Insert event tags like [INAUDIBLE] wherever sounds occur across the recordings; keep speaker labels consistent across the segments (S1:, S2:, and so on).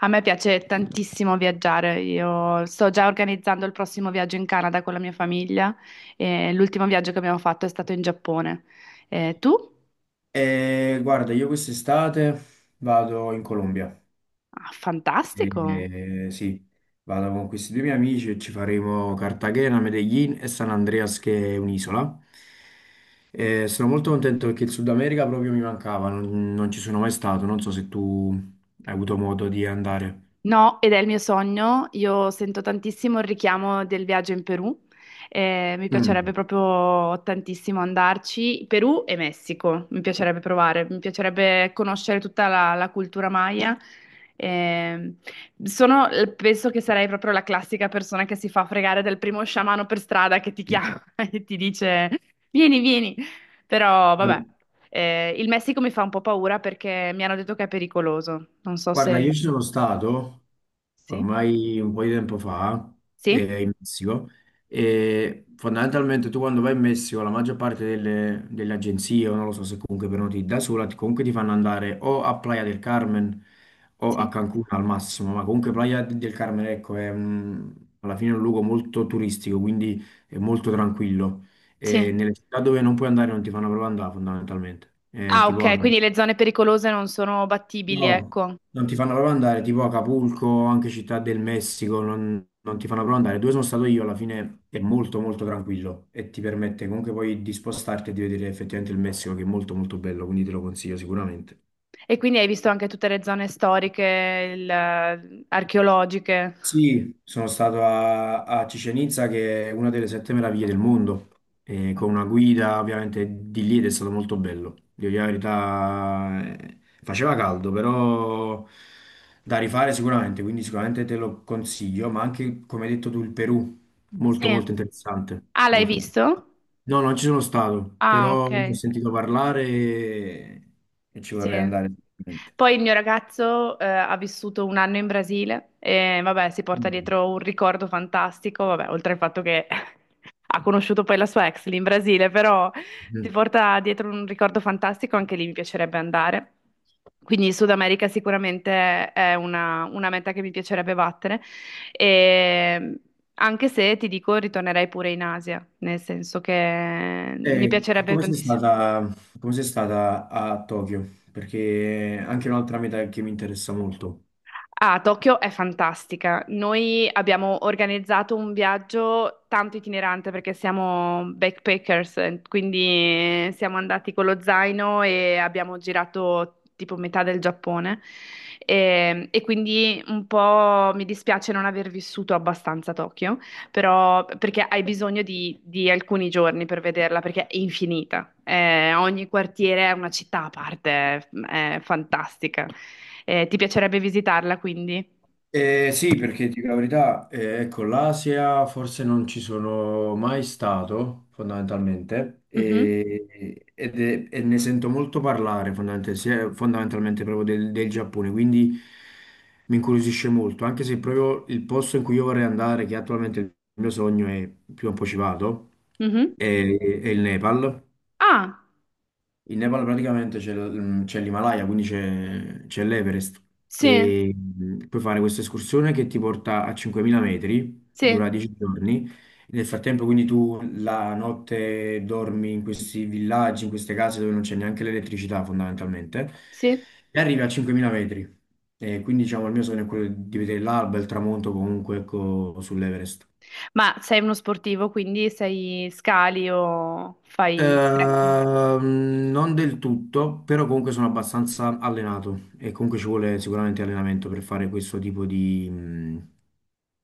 S1: A me piace tantissimo viaggiare, io sto già organizzando il prossimo viaggio in Canada con la mia famiglia e l'ultimo viaggio che abbiamo fatto è stato in Giappone. Tu?
S2: Guarda, io quest'estate vado in Colombia.
S1: Ah, fantastico!
S2: Sì, vado con questi due miei amici e ci faremo Cartagena, Medellin e San Andreas, che è un'isola. Sono molto contento perché il Sud America proprio mi mancava, non ci sono mai stato. Non so se tu hai avuto modo di andare.
S1: No, ed è il mio sogno. Io sento tantissimo il richiamo del viaggio in Perù. Mi piacerebbe
S2: Mm.
S1: proprio tantissimo andarci. Perù e Messico, mi piacerebbe provare, mi piacerebbe conoscere tutta la cultura maya. Eh, sono- Penso che sarei proprio la classica persona che si fa fregare dal primo sciamano per strada che ti chiama [LAUGHS] e ti dice: Vieni, vieni. Però, vabbè,
S2: Guarda,
S1: il Messico mi fa un po' paura perché mi hanno detto che è pericoloso. Non so
S2: guarda,
S1: se.
S2: io ci sono stato
S1: Sì?
S2: ormai un po' di tempo fa,
S1: Sì?
S2: in Messico, e fondamentalmente tu quando vai in Messico la maggior parte delle agenzie, o non lo so se comunque prenoti da sola, comunque ti fanno andare o a Playa del Carmen o a
S1: Sì.
S2: Cancun al massimo, ma comunque Playa del Carmen, ecco, alla fine è un luogo molto turistico, quindi è molto tranquillo. E
S1: Sì.
S2: nelle città dove non puoi andare non ti fanno proprio andare fondamentalmente, eh,
S1: Ah,
S2: tipo a
S1: ok,
S2: Cancun.
S1: quindi le zone pericolose non sono battibili,
S2: No,
S1: ecco.
S2: non ti fanno proprio andare, tipo Acapulco, anche Città del Messico, non ti fanno proprio andare. Dove sono stato io, alla fine è molto molto tranquillo e ti permette comunque poi di spostarti e di vedere effettivamente il Messico che è molto molto bello, quindi te lo consiglio sicuramente.
S1: E quindi hai visto anche tutte le zone storiche, archeologiche.
S2: Sì, sono stato a, a Chichén Itzá, che è una delle sette meraviglie del mondo, e con una
S1: Fantastico.
S2: guida ovviamente di lì ed è stato molto bello. Devo dire la verità, faceva caldo, però da rifare sicuramente, quindi sicuramente te lo consiglio, ma anche, come hai detto tu, il Perù, molto
S1: Sì.
S2: molto interessante,
S1: Ah, l'hai
S2: molto.
S1: visto?
S2: No, non ci sono stato,
S1: Ah,
S2: però ne ho
S1: ok.
S2: sentito parlare e ci vorrei
S1: Sì.
S2: andare. Sicuramente.
S1: Poi il mio ragazzo ha vissuto un anno in Brasile e vabbè, si porta dietro un ricordo fantastico, vabbè, oltre al fatto che [LAUGHS] ha conosciuto poi la sua ex lì in Brasile, però si
S2: Mm.
S1: porta dietro un ricordo fantastico, anche lì mi piacerebbe andare. Quindi il Sud America sicuramente è una meta che mi piacerebbe battere, e anche se ti dico ritornerei pure in Asia, nel senso che mi
S2: Eh, co-
S1: piacerebbe
S2: come sei
S1: tantissimo.
S2: stata, come sei stata a Tokyo? Perché è anche un'altra meta che mi interessa molto.
S1: Ah, Tokyo è fantastica. Noi abbiamo organizzato un viaggio tanto itinerante perché siamo backpackers, quindi siamo andati con lo zaino e abbiamo girato tipo metà del Giappone. E quindi un po' mi dispiace non aver vissuto abbastanza a Tokyo però perché hai bisogno di alcuni giorni per vederla, perché è infinita. Ogni quartiere è una città a parte, è fantastica. Ti piacerebbe visitarla, quindi?
S2: Sì, perché dico la verità, ecco, l'Asia forse non ci sono mai stato, fondamentalmente,
S1: Mhm,
S2: e ne sento molto parlare, fondamentalmente, fondamentalmente proprio del Giappone, quindi mi incuriosisce molto, anche se proprio il posto in cui io vorrei andare, che attualmente il mio sogno è, prima o poi ci vado,
S1: mhm.
S2: è il Nepal.
S1: Ah,
S2: In Nepal praticamente c'è l'Himalaya, quindi c'è l'Everest
S1: sì,
S2: e puoi fare questa escursione che ti porta a 5.000 metri,
S1: sì,
S2: dura 10 giorni. Nel frattempo quindi tu la notte dormi in questi villaggi, in queste case dove non c'è neanche l'elettricità fondamentalmente
S1: sì.
S2: e arrivi a 5.000 metri. E quindi diciamo il mio sogno è quello di vedere l'alba, e il tramonto comunque ecco, sull'Everest.
S1: Ma sei uno sportivo, quindi sei scali o fai trekking?
S2: Non del tutto, però comunque sono abbastanza allenato e comunque ci vuole sicuramente allenamento per fare questo tipo di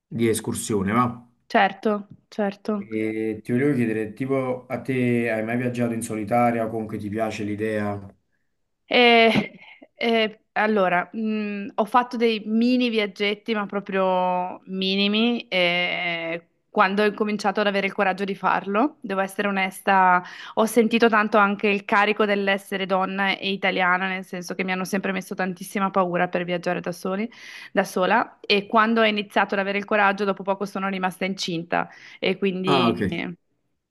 S2: di escursione, va?
S1: Certo, certo.
S2: E ti volevo chiedere, tipo a te hai mai viaggiato in solitaria o comunque ti piace l'idea?
S1: Eh, allora, ho fatto dei mini viaggetti, ma proprio minimi, quando ho incominciato ad avere il coraggio di farlo, devo essere onesta, ho sentito tanto anche il carico dell'essere donna e italiana, nel senso che mi hanno sempre messo tantissima paura per viaggiare da soli, da sola, e quando ho iniziato ad avere il coraggio, dopo poco sono rimasta incinta e
S2: Ah, ok.
S1: quindi...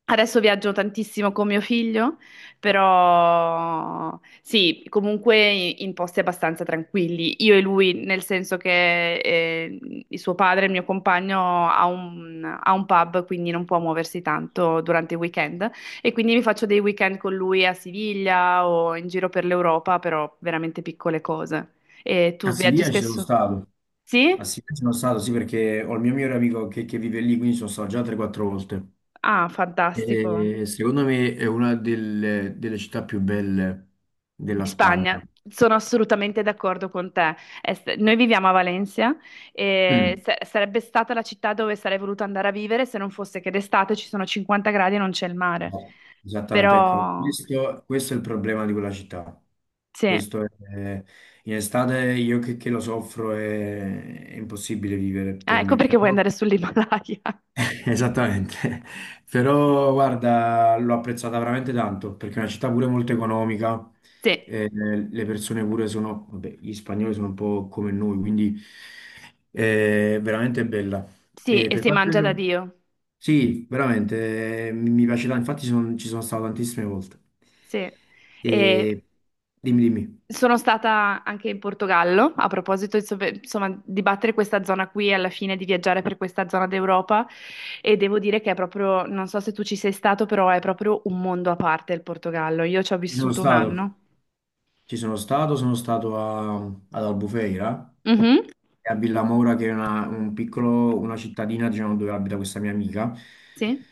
S1: Adesso viaggio tantissimo con mio figlio però sì, comunque in posti abbastanza tranquilli. Io e lui, nel senso che il suo padre, il mio compagno, ha ha un pub, quindi non può muoversi tanto durante i weekend. E quindi mi faccio dei weekend con lui a Siviglia o in giro per l'Europa, però veramente piccole cose. E
S2: A
S1: tu viaggi
S2: Siviglia ci sono
S1: spesso?
S2: stato. A
S1: Sì?
S2: Siviglia ci sono stato, sì, perché ho il mio migliore amico che vive lì, quindi sono stato già 3-4 volte.
S1: Ah, fantastico.
S2: E secondo me è una delle città più belle della
S1: Di Spagna,
S2: Spagna.
S1: sono assolutamente d'accordo con te. Noi viviamo a Valencia e
S2: Mm.
S1: sarebbe stata la città dove sarei voluto andare a vivere se non fosse che d'estate ci sono 50 gradi e non c'è il mare.
S2: No, esattamente, ecco,
S1: Però
S2: questo è il problema di quella città.
S1: sì,
S2: Questo è- In estate io che lo soffro è impossibile vivere
S1: ah,
S2: per
S1: ecco
S2: me.
S1: perché vuoi andare sull'Himalaya. [LAUGHS]
S2: Esattamente, [LAUGHS] però guarda, l'ho apprezzata veramente tanto perché è una città pure molto economica,
S1: Sì,
S2: le persone pure sono, vabbè, gli spagnoli sono un po' come noi, quindi è veramente bella.
S1: sì,
S2: E
S1: e
S2: per
S1: si
S2: quanto...
S1: mangia da Dio.
S2: Sì, veramente, mi piace tanto, infatti ci sono stato tantissime volte.
S1: Sì. E
S2: E... Dimmi, dimmi,
S1: sono stata anche in Portogallo, a proposito, insomma, insomma, di battere questa zona qui e alla fine di viaggiare per questa zona d'Europa e devo dire che è proprio, non so se tu ci sei stato, però è proprio un mondo a parte il Portogallo. Io ci ho
S2: ci sono
S1: vissuto un
S2: stato,
S1: anno.
S2: ci sono stato, ad Albufeira.
S1: Mhm,
S2: È a Villamoura, che è una cittadina, diciamo, dove abita questa mia amica.
S1: sì,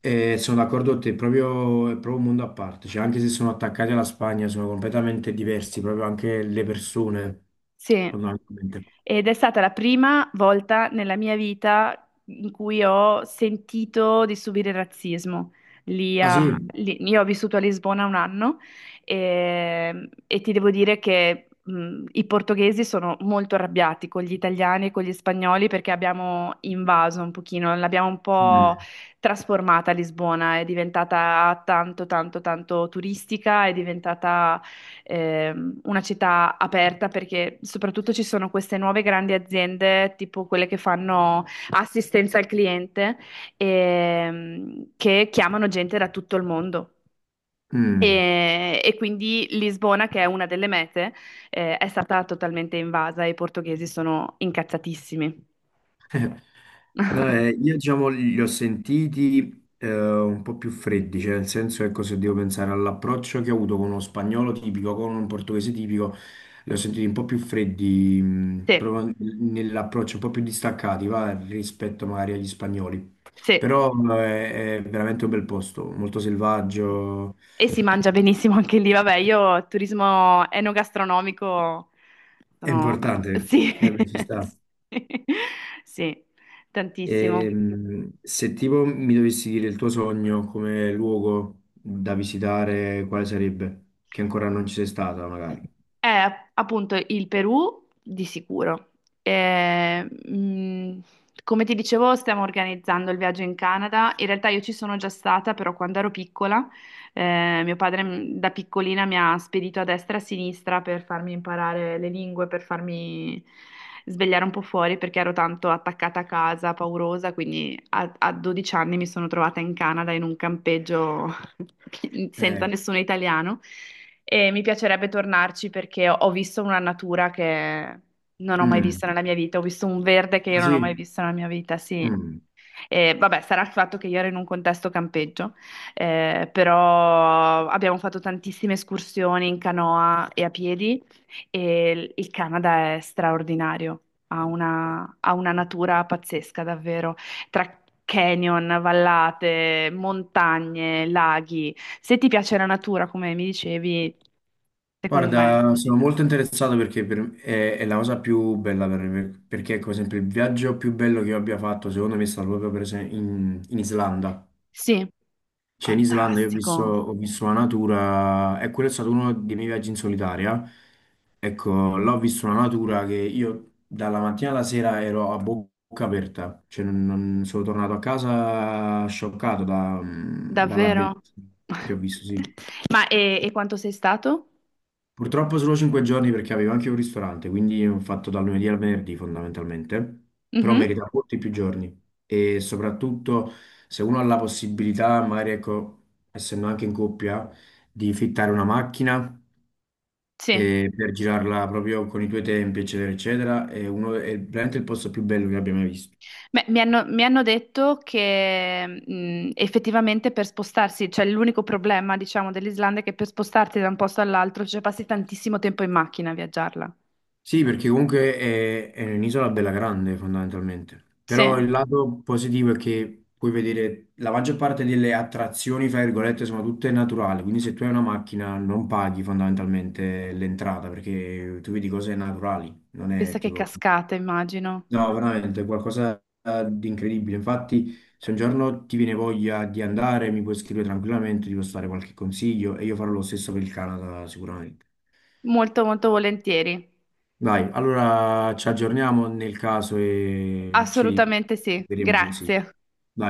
S2: E sono d'accordo con te, è proprio un mondo a parte, cioè, anche se sono attaccati alla Spagna, sono completamente diversi, proprio anche le persone,
S1: sì.
S2: fondamentalmente.
S1: Ed è stata la prima volta nella mia vita in cui ho sentito di subire razzismo.
S2: Ah sì?
S1: Io ho vissuto a Lisbona un anno e ti devo dire che i portoghesi sono molto arrabbiati con gli italiani e con gli spagnoli perché abbiamo invaso un pochino, l'abbiamo un po'
S2: Mm.
S1: trasformata Lisbona, è diventata tanto, tanto, tanto turistica, è diventata una città aperta perché soprattutto ci sono queste nuove grandi aziende, tipo quelle che fanno assistenza al cliente, che chiamano gente da tutto il mondo.
S2: Mm.
S1: E quindi Lisbona, che è una delle mete, è stata totalmente invasa e i portoghesi sono incazzatissimi.
S2: No,
S1: [LAUGHS]
S2: io diciamo li ho sentiti un po' più freddi, cioè nel senso ecco se devo pensare all'approccio che ho avuto con uno spagnolo tipico, con un portoghese tipico, li ho sentiti un po' più freddi,
S1: Sì,
S2: proprio nell'approccio un po' più distaccati, va, rispetto magari agli spagnoli.
S1: sì.
S2: Però è veramente un bel posto, molto
S1: Sì.
S2: selvaggio,
S1: E si mangia benissimo anche lì, vabbè, io turismo enogastronomico
S2: è
S1: sono...
S2: importante per te,
S1: Sì,
S2: eh,
S1: [LAUGHS]
S2: beh, ci sta.
S1: sì, sì, tantissimo.
S2: Se tipo mi dovessi dire il tuo sogno come luogo da visitare, quale sarebbe? Che ancora non ci sei stata, magari.
S1: È appunto il Perù di sicuro. Eh, mh, Come ti dicevo, stiamo organizzando il viaggio in Canada. In realtà io ci sono già stata, però quando ero piccola, mio padre da piccolina mi ha spedito a destra e a sinistra per farmi imparare le lingue, per farmi svegliare un po' fuori perché ero tanto attaccata a casa, paurosa, quindi a 12 anni mi sono trovata in Canada in un campeggio [LAUGHS] senza
S2: Eh,
S1: nessuno italiano e mi piacerebbe tornarci perché ho visto una natura che non ho mai
S2: mm,
S1: visto nella mia vita, ho visto un verde che io
S2: ah,
S1: non ho mai
S2: sì?
S1: visto nella mia vita, sì.
S2: Mm.
S1: E vabbè, sarà il fatto che io ero in un contesto campeggio, però abbiamo fatto tantissime escursioni in canoa e a piedi e il Canada è straordinario, ha ha una natura pazzesca davvero, tra canyon, vallate, montagne, laghi. Se ti piace la natura, come mi dicevi, secondo me, da
S2: Guarda, sono molto
S1: visitare.
S2: interessato è la cosa più bella per me, perché ecco, per esempio il viaggio più bello che io abbia fatto, secondo me, è stato proprio per esempio in Islanda.
S1: Sì,
S2: Cioè, in Islanda io
S1: fantastico,
S2: ho visto la natura, e quello è stato uno dei miei viaggi in solitaria. Ecco, là ho visto una natura che io dalla mattina alla sera ero a bocca aperta, cioè sono tornato a casa scioccato dalla
S1: davvero.
S2: bellezza che ho visto, sì.
S1: [LAUGHS] Ma e quanto sei stato?
S2: Purtroppo solo 5 giorni perché avevo anche un ristorante, quindi ho fatto dal lunedì al venerdì fondamentalmente, però
S1: Mhm,
S2: merita molti più giorni e soprattutto se uno ha la possibilità, magari ecco, essendo anche in coppia, di fittare una macchina
S1: sì.
S2: e per girarla proprio con i tuoi tempi, eccetera, eccetera, è, uno, è veramente il posto più bello che abbia mai visto.
S1: Beh, mi hanno detto che effettivamente per spostarsi, cioè l'unico problema, diciamo, dell'Islanda è che per spostarti da un posto all'altro, cioè passi tantissimo tempo in macchina a viaggiarla.
S2: Sì, perché comunque è un'isola bella grande fondamentalmente, però
S1: Sì,
S2: il lato positivo è che puoi vedere la maggior parte delle attrazioni, fra virgolette, sono tutte naturali, quindi se tu hai una macchina non paghi fondamentalmente l'entrata perché tu vedi cose naturali, non
S1: pensa
S2: è
S1: che
S2: tipo...
S1: cascate, immagino.
S2: No, veramente è qualcosa di incredibile. Infatti, se un giorno ti viene voglia di andare, mi puoi scrivere tranquillamente, ti posso dare qualche consiglio e io farò lo stesso per il Canada sicuramente.
S1: Molto, molto volentieri.
S2: Dai, allora ci aggiorniamo nel caso e ci
S1: Assolutamente sì,
S2: vedremo così.
S1: grazie.
S2: Dai.